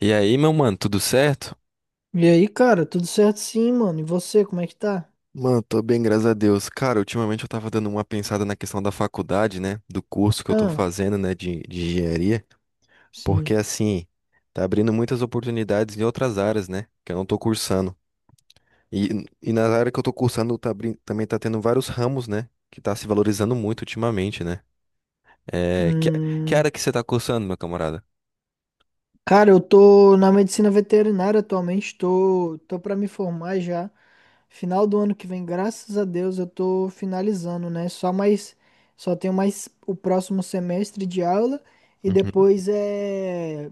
E aí, meu mano, tudo certo? E aí, cara, tudo certo sim, mano. E você, como é que tá? Mano, tô bem, graças a Deus. Cara, ultimamente eu tava dando uma pensada na questão da faculdade, né? Do curso que eu tô Ah, fazendo, né? De engenharia. sim. Porque, assim, tá abrindo muitas oportunidades em outras áreas, né? Que eu não tô cursando. E na área que eu tô cursando, também tá tendo vários ramos, né? Que tá se valorizando muito ultimamente, né? É, que, que Hum, área que você tá cursando, meu camarada? cara, eu tô na medicina veterinária atualmente, tô pra me formar já. Final do ano que vem, graças a Deus, eu tô finalizando, né? Só tenho mais o próximo semestre de aula e Uhum.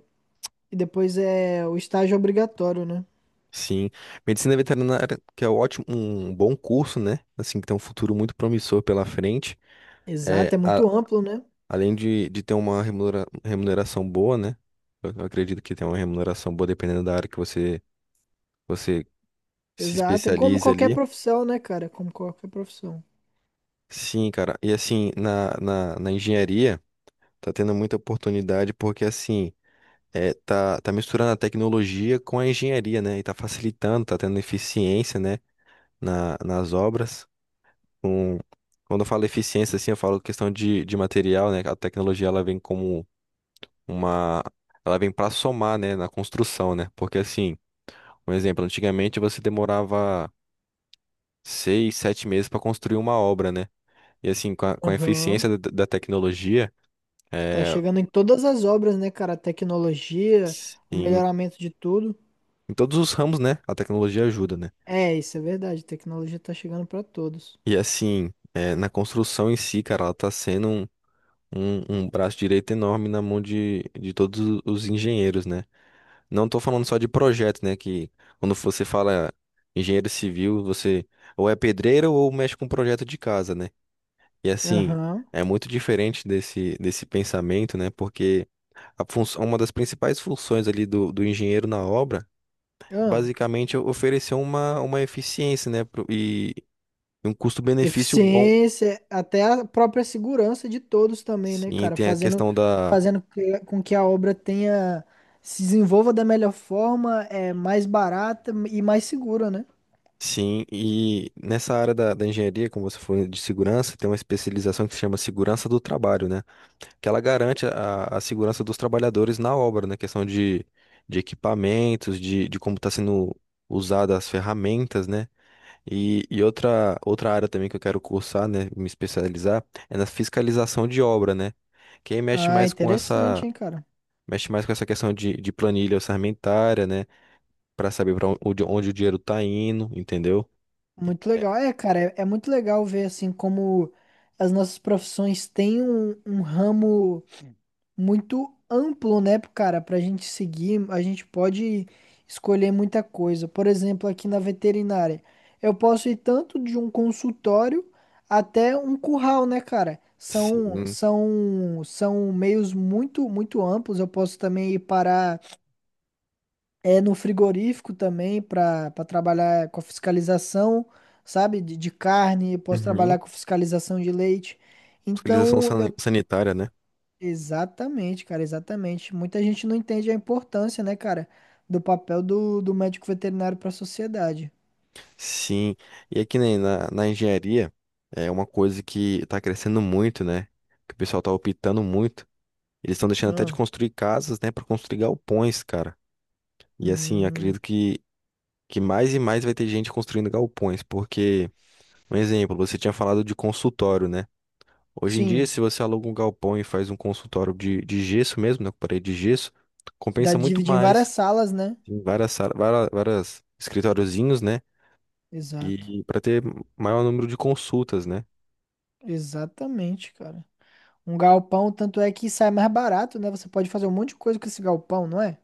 e depois é o estágio obrigatório, né? Sim, medicina veterinária, que é ótimo, um bom curso, né? Assim, que tem um futuro muito promissor pela frente. É, Exato, é a- muito amplo, né? Além de ter uma remuneração boa, né? Eu acredito que tem uma remuneração boa dependendo da área que você se Exato, é como especialize qualquer ali. profissão, né, cara? Como qualquer profissão. Sim, cara. E assim, na engenharia, tá tendo muita oportunidade porque assim, tá misturando a tecnologia com a engenharia, né? E tá facilitando, tá tendo eficiência, né? Nas obras. Com, Quando eu falo eficiência, assim, eu falo questão de material, né? A tecnologia, ela vem como uma. Ela vem pra somar, né, na construção, né? Porque assim, um exemplo, antigamente você demorava seis, sete meses para construir uma obra, né? E assim, com a Aham. eficiência da tecnologia, Que tá é, chegando em todas as obras, né, cara? A tecnologia, o em, melhoramento de tudo. em todos os ramos, né? A tecnologia ajuda, né? É, isso é verdade. A tecnologia tá chegando pra todos. E assim, é, na construção em si, cara, ela tá sendo um braço direito enorme na mão de todos os engenheiros, né? Não tô falando só de projeto, né? Que quando você fala engenheiro civil, você ou é pedreiro ou mexe com projeto de casa, né? E assim, Aham. é muito diferente desse pensamento, né? Porque a função, uma das principais funções ali do engenheiro na obra é Ah, basicamente é oferecer uma eficiência, né? E um custo-benefício bom. eficiência, até a própria segurança de todos também, né, Sim, cara? tem a questão da. Fazendo com que a obra tenha, se desenvolva da melhor forma, é mais barata e mais segura, né? Sim, e nessa área da engenharia, como você falou de segurança, tem uma especialização que se chama segurança do trabalho, né? Que ela garante a segurança dos trabalhadores na obra, né? Questão de equipamentos, de como está sendo usada as ferramentas, né? E, outra área também que eu quero cursar, né? Me especializar é na fiscalização de obra, né? Quem Ah, interessante, hein, cara? mexe mais com essa questão de planilha orçamentária, né? Para saber para onde o dinheiro está indo, entendeu? Muito legal. É, cara, é muito legal ver assim como as nossas profissões têm um ramo muito amplo, né, cara? Pra gente seguir, a gente pode escolher muita coisa. Por exemplo, aqui na veterinária, eu posso ir tanto de um consultório até um curral, né, cara? Sim. São meios muito amplos. Eu posso também ir parar no frigorífico também para trabalhar com a fiscalização, sabe? De carne, eu posso Uhum. trabalhar com fiscalização de leite. Fiscalização Então, sanitária, né? exatamente, cara, exatamente. Muita gente não entende a importância, né, cara, do papel do médico veterinário para a sociedade. Sim, e aqui nem na engenharia é uma coisa que está crescendo muito, né? Que o pessoal está optando muito. Eles estão deixando até de Ah, construir casas, né, para construir galpões, cara. E assim, eu hum, acredito que mais e mais vai ter gente construindo galpões, porque, um exemplo, você tinha falado de consultório, né? Hoje em dia, sim, se você aluga um galpão e faz um consultório de gesso mesmo, né, com parede de gesso, dá compensa muito dívida em várias mais. salas, né? Tem várias escritóriozinhos, né? Exato, E para ter maior número de consultas, né? exatamente, cara. Um galpão, tanto é que sai mais barato, né? Você pode fazer um monte de coisa com esse galpão, não é?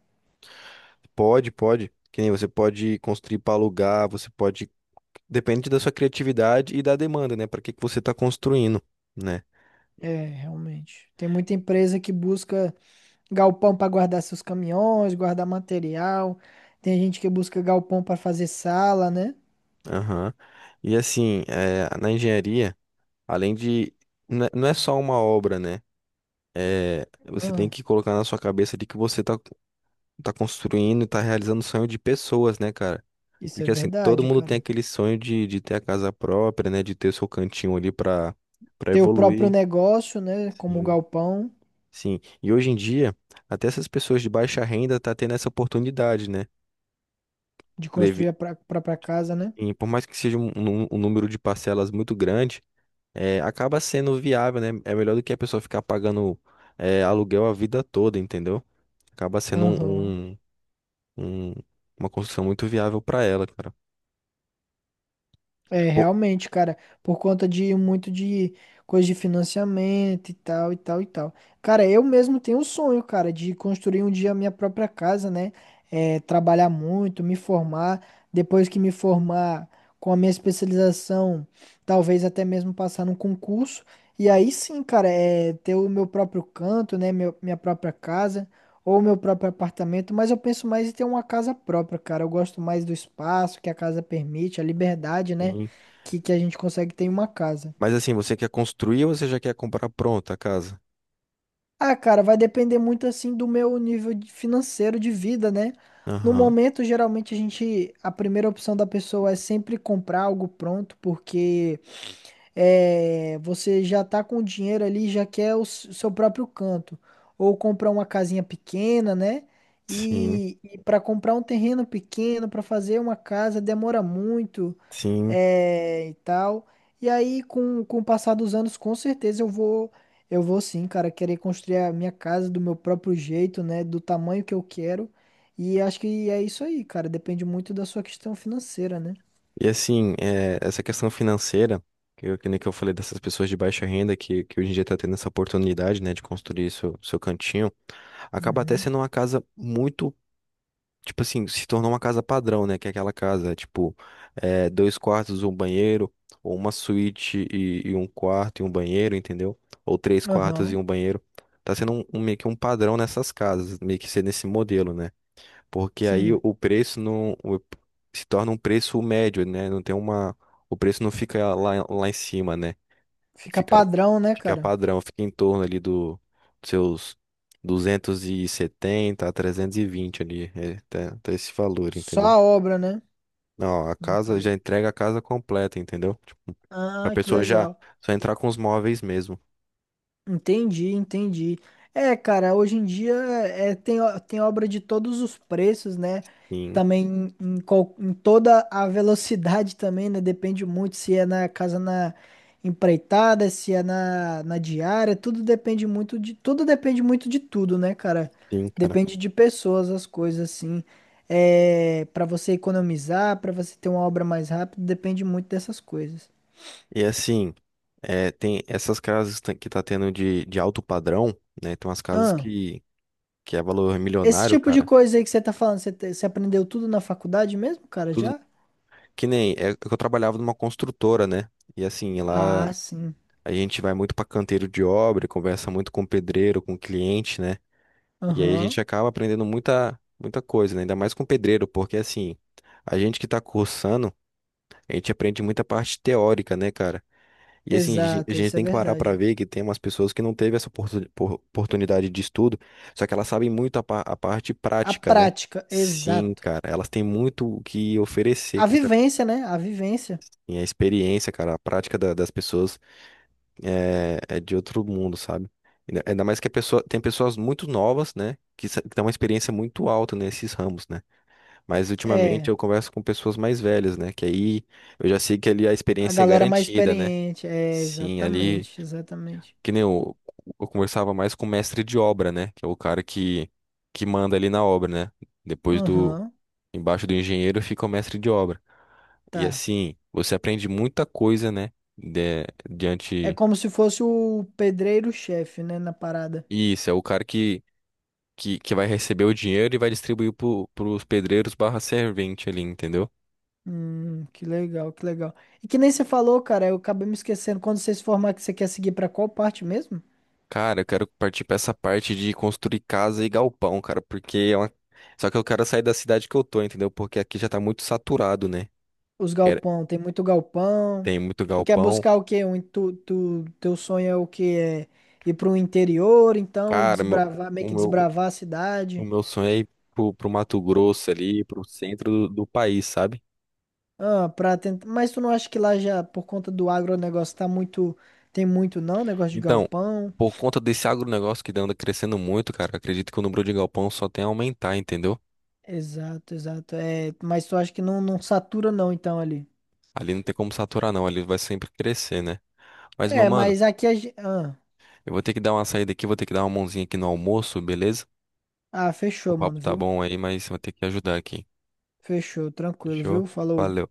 Pode, pode. Que nem você pode construir para alugar, você pode. Depende da sua criatividade e da demanda, né? Para que que você está construindo, né? É, realmente. Tem muita empresa que busca galpão para guardar seus caminhões, guardar material. Tem gente que busca galpão para fazer sala, né? Aham. E assim, é, na engenharia, além de. Não é não é só uma obra, né? É, você tem Ah, que colocar na sua cabeça de que você tá construindo e tá realizando o sonho de pessoas, né, cara? isso é Porque assim, todo verdade, mundo tem cara. aquele sonho de ter a casa própria, né? De ter o seu cantinho ali para Ter o próprio evoluir. negócio, né? Como o Sim. galpão Sim, e hoje em dia, até essas pessoas de baixa renda tá tendo essa oportunidade, né? de construir Deve- a própria casa, né? E por mais que seja um número de parcelas muito grande, acaba sendo viável, né? É melhor do que a pessoa ficar pagando aluguel a vida toda, entendeu? Acaba sendo Aham. Um- uma construção muito viável para ela, cara. É, Pô, realmente, cara, por conta de muito de coisa de financiamento e tal, e tal, e tal. Cara, eu mesmo tenho um sonho, cara, de construir um dia a minha própria casa, né? É, trabalhar muito, me formar. Depois que me formar com a minha especialização, talvez até mesmo passar num concurso. E aí sim, cara, é ter o meu próprio canto, né? Minha própria casa ou meu próprio apartamento. Mas eu penso mais em ter uma casa própria, cara. Eu gosto mais do espaço que a casa permite, a liberdade, né? sim. Que a gente consegue ter em uma casa. Mas assim, você quer construir ou você já quer comprar pronta a casa? Ah, cara, vai depender muito assim do meu financeiro de vida, né? No Aham. momento, geralmente a primeira opção da pessoa é sempre comprar algo pronto, porque é, você já tá com o dinheiro ali, já quer o seu próprio canto. Ou comprar uma casinha pequena, né? Sim, E para comprar um terreno pequeno, para fazer uma casa, demora muito. sim. É, e tal. E aí, com o passar dos anos, com certeza eu vou sim, cara, querer construir a minha casa do meu próprio jeito, né, do tamanho que eu quero. E acho que é isso aí, cara. Depende muito da sua questão financeira, né? E assim, é, essa questão financeira, que nem que eu falei dessas pessoas de baixa renda, que hoje em dia está tendo essa oportunidade, né, de construir seu cantinho, acaba até Uhum. sendo uma casa muito, tipo assim, se tornou uma casa padrão, né, que é aquela casa, tipo, é, dois quartos, um banheiro, ou uma suíte e um quarto e um banheiro, entendeu? Ou três quartos e Aham. um banheiro. Tá sendo meio que um padrão nessas casas, meio que ser nesse modelo, né? Porque aí Sim. o preço não o- se torna um preço médio, né? Não tem uma, o preço não fica lá em cima, né? Fica Fica, padrão, né, Fica cara? padrão, fica em torno ali do dos seus 270 a 320 ali, tá esse valor, Só entendeu? a obra, né? Não, a No casa já caso. entrega a casa completa, entendeu? Tipo, a Ah, que pessoa já legal. só entrar com os móveis mesmo. Entendi, entendi. É, cara, hoje em dia tem obra de todos os preços, né? Sim, Também em, em toda a velocidade também, né? Depende muito se é na casa na empreitada, se é na, na diária, tudo depende muito de tudo, né, cara? sim, cara. Depende de pessoas, as coisas assim. É, para você economizar, para você ter uma obra mais rápida, depende muito dessas coisas. E assim, é, tem essas casas que tá tendo de alto padrão, né? Tem umas casas Ahn. Que é valor Esse milionário, tipo de cara. coisa aí que você tá falando, você aprendeu tudo na faculdade mesmo, cara, Tudo já? que nem é que eu trabalhava numa construtora, né? E assim, lá Ah, sim. a gente vai muito pra canteiro de obra, conversa muito com o pedreiro, com o cliente, né? E aí a Aham. gente acaba aprendendo muita coisa, né? Ainda mais com o pedreiro, porque assim, a gente que tá cursando, a gente aprende muita parte teórica, né, cara? E assim, a Exato, gente isso é tem que parar para verdade. ver que tem umas pessoas que não teve essa oportunidade de estudo, só que elas sabem muito a parte A prática, né? prática, Sim, exato. cara, elas têm muito o que oferecer, A que essa vivência, né? A vivência. e a experiência, cara, a prática das pessoas é, é de outro mundo, sabe? Ainda mais que a pessoa, tem pessoas muito novas, né? Que têm uma experiência muito alta nesses ramos, né? Mas ultimamente É, eu converso com pessoas mais velhas, né? Que aí eu já sei que ali a a experiência é galera mais garantida, né? experiente. É, Sim, ali exatamente, exatamente. que nem eu, eu conversava mais com o mestre de obra, né? Que é o cara que manda ali na obra, né? Depois do, Aham, Embaixo do engenheiro fica o mestre de obra. E tá. assim, você aprende muita coisa, né? De, É diante. como se fosse o pedreiro-chefe, né, na parada. Isso, é o cara que vai receber o dinheiro e vai distribuir pros pedreiros barra servente ali, entendeu? Que legal, que legal. E que nem você falou, cara, eu acabei me esquecendo. Quando você se formar, que você quer seguir pra qual parte mesmo? Cara, eu quero partir pra essa parte de construir casa e galpão, cara, porque é uma. Só que eu quero sair da cidade que eu tô, entendeu? Porque aqui já tá muito saturado, né? Os Quero- galpão, tem muito galpão. Tem muito Tu quer galpão. buscar o quê? Um, teu sonho é o quê? É ir pro interior, então, e Cara, desbravar, meio o que meu, desbravar a o cidade. meu sonho é ir pro Mato Grosso ali, pro centro do país, sabe? Ah, pra tentar... Mas tu não acha que lá já, por conta do agronegócio, tá muito... Tem muito não, negócio de Então, galpão. por conta desse agronegócio que anda crescendo muito, cara, acredito que o número de galpão só tem a aumentar, entendeu? Exato, exato. É, mas tu acha que não, satura não, então, ali. Ali não tem como saturar, não, ali vai sempre crescer, né? Mas, meu É, mano, mas aqui a gente... Ah, eu vou ter que dar uma saída aqui, vou ter que dar uma mãozinha aqui no almoço, beleza? ah, O fechou, papo mano, tá viu? bom aí, mas vou ter que ajudar aqui. Fechou, tranquilo, Fechou? viu? Falou. Valeu.